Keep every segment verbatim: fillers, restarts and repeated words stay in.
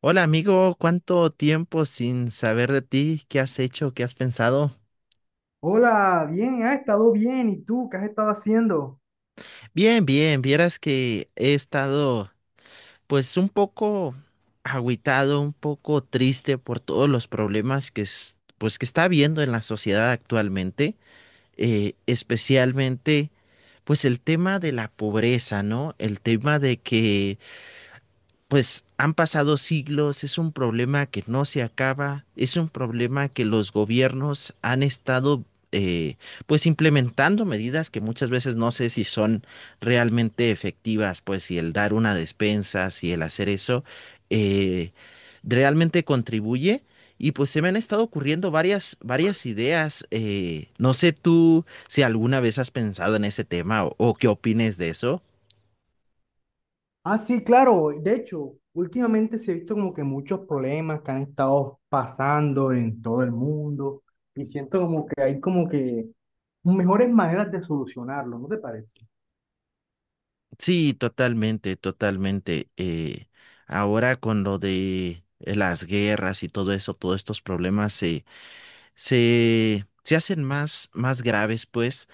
Hola amigo, ¿cuánto tiempo sin saber de ti? ¿Qué has hecho? ¿Qué has pensado? Hola, bien, ha estado bien. ¿Y tú qué has estado haciendo? Bien, bien, vieras que he estado pues un poco agüitado, un poco triste por todos los problemas que es- pues que está habiendo en la sociedad actualmente, eh, especialmente pues el tema de la pobreza, ¿no? El tema de que pues han pasado siglos, es un problema que no se acaba, es un problema que los gobiernos han estado eh, pues implementando medidas que muchas veces no sé si son realmente efectivas, pues si el dar una despensa, si el hacer eso, eh, realmente contribuye. Y pues se me han estado ocurriendo varias, varias ideas. Eh, no sé tú si alguna vez has pensado en ese tema o, o qué opines de eso. Ah, sí, claro. De hecho, últimamente se ha visto como que muchos problemas que han estado pasando en todo el mundo y siento como que hay como que mejores maneras de solucionarlo, ¿no te parece? Sí, totalmente, totalmente. Eh, ahora con lo de las guerras y todo eso, todos estos problemas se, se, se hacen más, más graves, pues,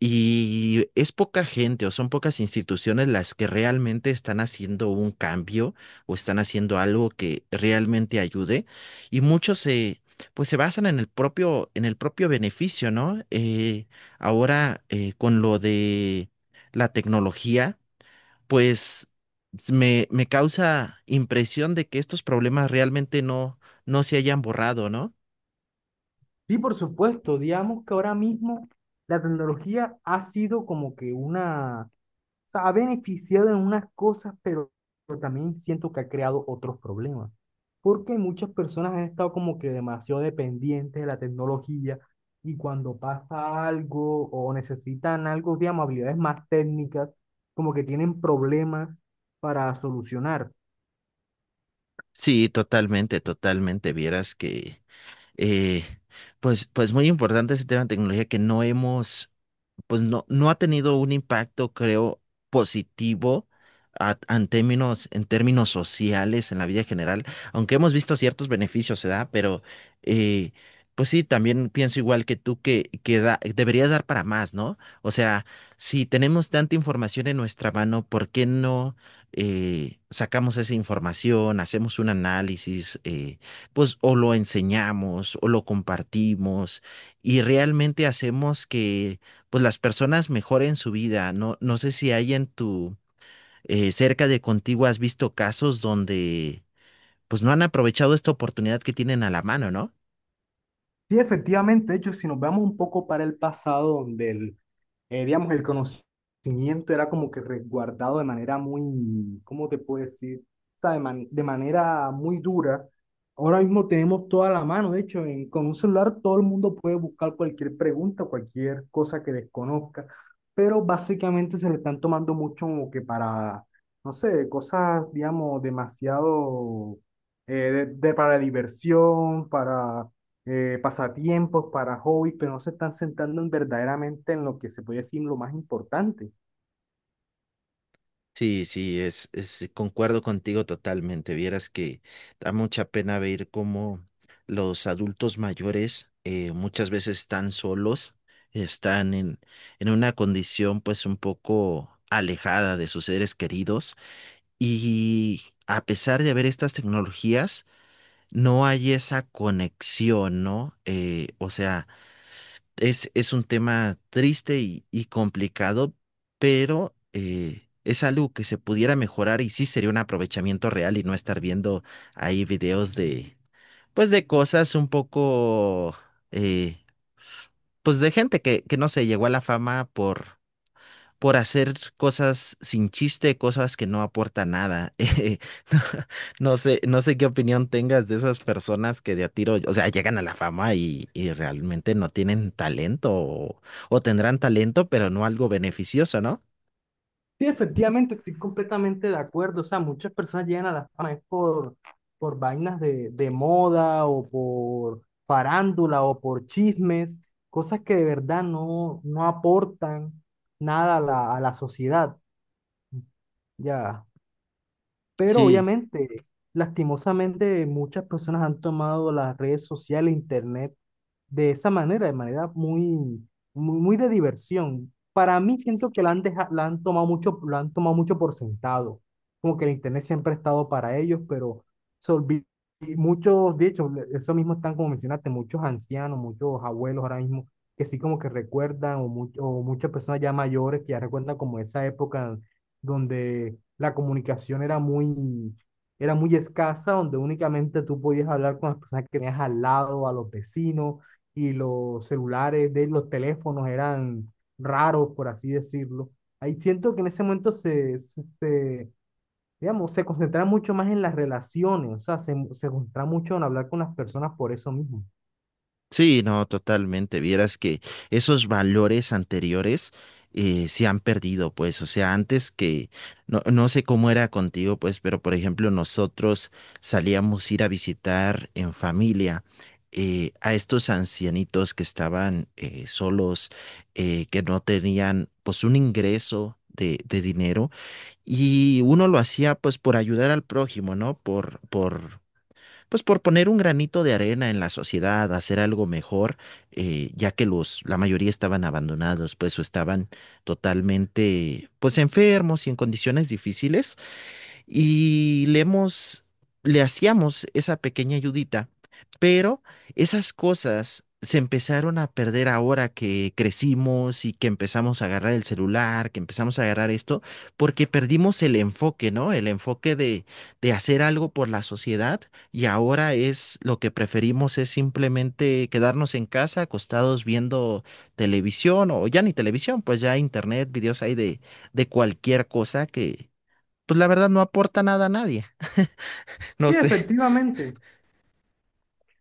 y es poca gente o son pocas instituciones las que realmente están haciendo un cambio o están haciendo algo que realmente ayude, y muchos se, pues, se basan en el propio, en el propio beneficio, ¿no? Eh, ahora eh, con lo de la tecnología pues me, me causa impresión de que estos problemas realmente no, no se hayan borrado, ¿no? Sí, por supuesto. Digamos que ahora mismo la tecnología ha sido como que una. O sea, ha beneficiado en unas cosas, pero, pero también siento que ha creado otros problemas. Porque muchas personas han estado como que demasiado dependientes de la tecnología y cuando pasa algo o necesitan algo, digamos, habilidades más técnicas, como que tienen problemas para solucionar. Sí, totalmente, totalmente. Vieras que, eh, pues, pues muy importante ese tema de tecnología que no hemos pues no, no ha tenido un impacto, creo, positivo a- en términos, en términos sociales, en la vida general, aunque hemos visto ciertos beneficios, se da, pero eh, pues sí, también pienso igual que tú que, que da- debería dar para más, ¿no? O sea, si tenemos tanta información en nuestra mano, ¿por qué no eh, sacamos esa información, hacemos un análisis, eh, pues o lo enseñamos o lo compartimos y realmente hacemos que pues las personas mejoren su vida. No, no sé si hay en tu, eh, cerca de contigo has visto casos donde pues no han aprovechado esta oportunidad que tienen a la mano, ¿no? Sí, efectivamente, de hecho, si nos vamos un poco para el pasado, donde el eh, digamos, el conocimiento era como que resguardado de manera muy, ¿cómo te puedo decir? O sea, de, man- de manera muy dura. Ahora mismo tenemos toda la mano, de hecho, en- con un celular todo el mundo puede buscar cualquier pregunta, cualquier cosa que desconozca, pero básicamente se le están tomando mucho como que para, no sé, cosas, digamos, demasiado eh, de, de- para diversión, para eh, pasatiempos, para hobbies, pero no se están sentando en verdaderamente en lo que se puede decir lo más importante. Sí, sí, es, es, concuerdo contigo totalmente. Vieras que da mucha pena ver cómo los adultos mayores eh, muchas veces están solos, están en, en una condición pues un poco alejada de sus seres queridos y a pesar de haber estas tecnologías, no hay esa conexión, ¿no? Eh, o sea, es, es un tema triste y, y complicado, pero eh, es algo que se pudiera mejorar y sí sería un aprovechamiento real y no estar viendo ahí videos de, pues de cosas un poco, eh, pues de gente que, que no se llegó a la fama por por hacer cosas sin chiste, cosas que no aportan nada. Eh, no, no sé, no sé qué opinión tengas de esas personas que de a tiro, o sea, llegan a la fama y, y realmente no tienen talento o, o tendrán talento, pero no algo beneficioso, ¿no? Sí, efectivamente, estoy completamente de acuerdo. O sea, muchas personas llegan a la fama es por, por vainas de, de moda o por farándula o por chismes, cosas que de verdad no, no aportan nada a la, a la sociedad, ya. Pero Sí, obviamente, lastimosamente, muchas personas han tomado las redes sociales, internet de esa manera, de manera muy, muy, muy de diversión. Para mí siento que la han, deja- la han tomado mucho, la han tomado mucho por sentado, como que el internet siempre ha estado para ellos, pero se olvi- y muchos, de hecho, le- eso mismo están como mencionaste, muchos ancianos, muchos abuelos ahora mismo que sí como que recuerdan, o, mucho- o muchas personas ya mayores que ya recuerdan como esa época donde la comunicación era muy, era muy escasa, donde únicamente tú podías hablar con las personas que tenías al lado, a los vecinos, y los celulares de los teléfonos eran raros, por así decirlo. Ahí siento que en ese momento se, se, se, digamos, se concentraba mucho más en las relaciones, o sea, se, se concentraba mucho en hablar con las personas por eso mismo. Sí, no, totalmente. Vieras que esos valores anteriores eh, se han perdido, pues. O sea, antes que, no, no sé cómo era contigo, pues, pero por ejemplo, nosotros salíamos a ir a visitar en familia eh, a estos ancianitos que estaban eh, solos, eh, que no tenían, pues, un ingreso. De, de dinero y uno lo hacía pues por ayudar al prójimo, ¿no? Por, por pues por poner un granito de arena en la sociedad, hacer algo mejor, eh, ya que los, la mayoría estaban abandonados, pues o estaban totalmente, pues enfermos y en condiciones difíciles y le hemos, le hacíamos esa pequeña ayudita, pero esas cosas se empezaron a perder ahora que crecimos y que empezamos a agarrar el celular, que empezamos a agarrar esto, porque perdimos el enfoque, ¿no? El enfoque de, de hacer algo por la sociedad y ahora es lo que preferimos es simplemente quedarnos en casa acostados viendo televisión o ya ni televisión, pues ya internet, videos hay de, de cualquier cosa que pues la verdad no aporta nada a nadie. No Sí, sé. efectivamente.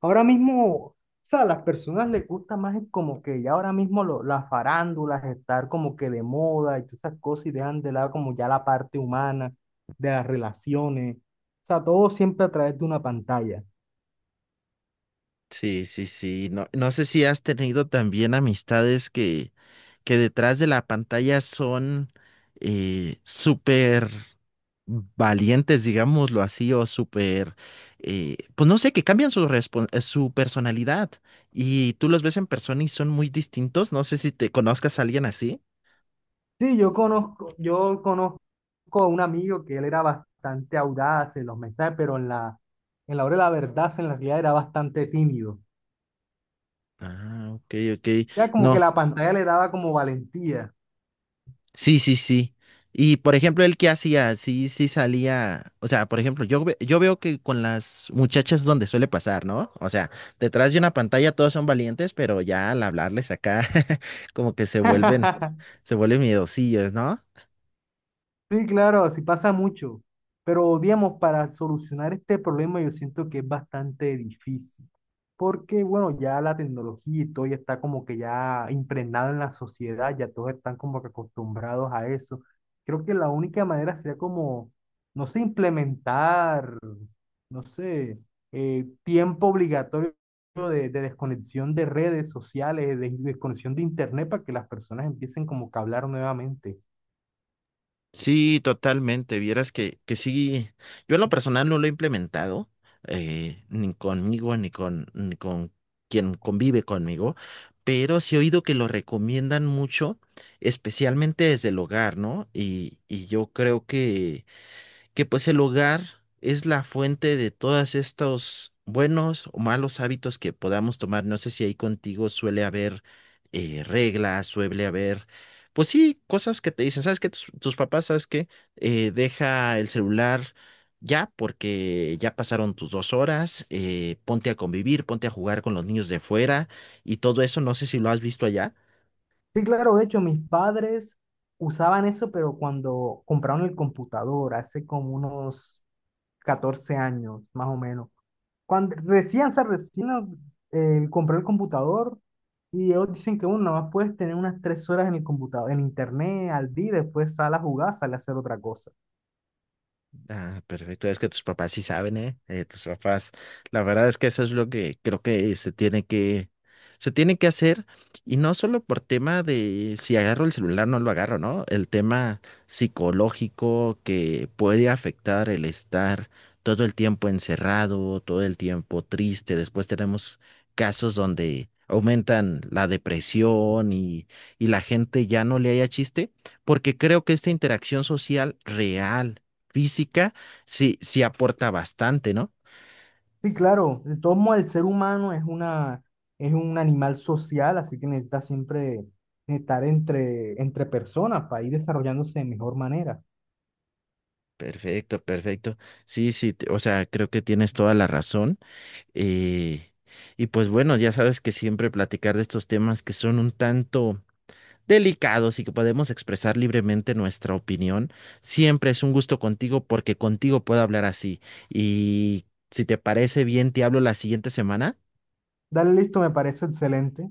Ahora mismo, o sea, a las personas les gusta más el como que ya ahora mismo lo- las farándulas, estar como que de moda y todas esas cosas y dejan de lado como ya la parte humana de las relaciones. O sea, todo siempre a través de una pantalla. Sí, sí, sí. No, no sé si has tenido también amistades que, que detrás de la pantalla son eh, súper valientes, digámoslo así, o súper, eh, pues no sé, que cambian su, respon- eh, su personalidad y tú los ves en persona y son muy distintos. No sé si te conozcas a alguien así. Sí, yo conozco, yo conozco a un amigo que él era bastante audaz en los mensajes, pero en la, en la hora de la verdad, en la realidad era bastante tímido. Ah, ok, ok. Ya como que No, la pantalla le daba como valentía. Sí, sí, sí. Y por ejemplo, él que hacía, sí, sí salía, o sea, por ejemplo, yo, ve- yo veo que con las muchachas es donde suele pasar, ¿no? O sea, detrás de una pantalla todos son valientes, pero ya al hablarles acá, como que se vuelven, se vuelven miedosillos, ¿no? Sí, claro, así pasa mucho. Pero, digamos, para solucionar este problema yo siento que es bastante difícil. Porque, bueno, ya la tecnología y todo ya está como que ya impregnada en la sociedad, ya todos están como que acostumbrados a eso. Creo que la única manera sería como, no sé, implementar, no sé, eh, tiempo obligatorio de, de desconexión de redes sociales, de desconexión de internet para que las personas empiecen como que a hablar nuevamente. Sí, totalmente. Vieras que, que sí, yo en lo personal no lo he implementado, eh, ni conmigo, ni con, ni con quien convive conmigo, pero sí he oído que lo recomiendan mucho, especialmente desde el hogar, ¿no? Y, y yo creo que que pues el hogar es la fuente de todos estos buenos o malos hábitos que podamos tomar. No sé si ahí contigo suele haber eh, reglas, suele haber, pues sí, cosas que te dicen, ¿sabes qué? Tus, tus papás, ¿sabes qué? Eh, deja el celular. Ya, porque ya pasaron tus dos horas, eh, ponte a convivir, ponte a jugar con los niños de fuera y todo eso, no sé si lo has visto allá. Sí, claro, de hecho, mis padres usaban eso, pero cuando compraron el computador, hace como unos catorce años, más o menos. Cuando recién, o sea, recién eh, compré el computador y ellos dicen que uno más puedes tener unas tres horas en el computador, en internet, al día, y después sale a jugar, sale a hacer otra cosa. Ah, perfecto. Es que tus papás sí saben, ¿eh? Eh, Tus papás, la verdad es que eso es lo que creo que se tiene que, se tiene que hacer. Y no solo por tema de si agarro el celular, no lo agarro, ¿no? El tema psicológico que puede afectar el estar todo el tiempo encerrado, todo el tiempo triste. Después tenemos casos donde aumentan la depresión y, y la gente ya no le haya chiste, porque creo que esta interacción social real física, sí, sí aporta bastante, ¿no? Sí, claro, de todos modos el ser humano es una, es un animal social, así que necesita siempre estar entre, entre personas para ir desarrollándose de mejor manera. Perfecto, perfecto. Sí, sí, te- o sea, creo que tienes toda la razón. Eh, y pues bueno, ya sabes que siempre platicar de estos temas que son un tanto delicados y que podemos expresar libremente nuestra opinión, siempre es un gusto contigo porque contigo puedo hablar así. Y si te parece bien, te hablo la siguiente semana. Dale listo, me parece excelente.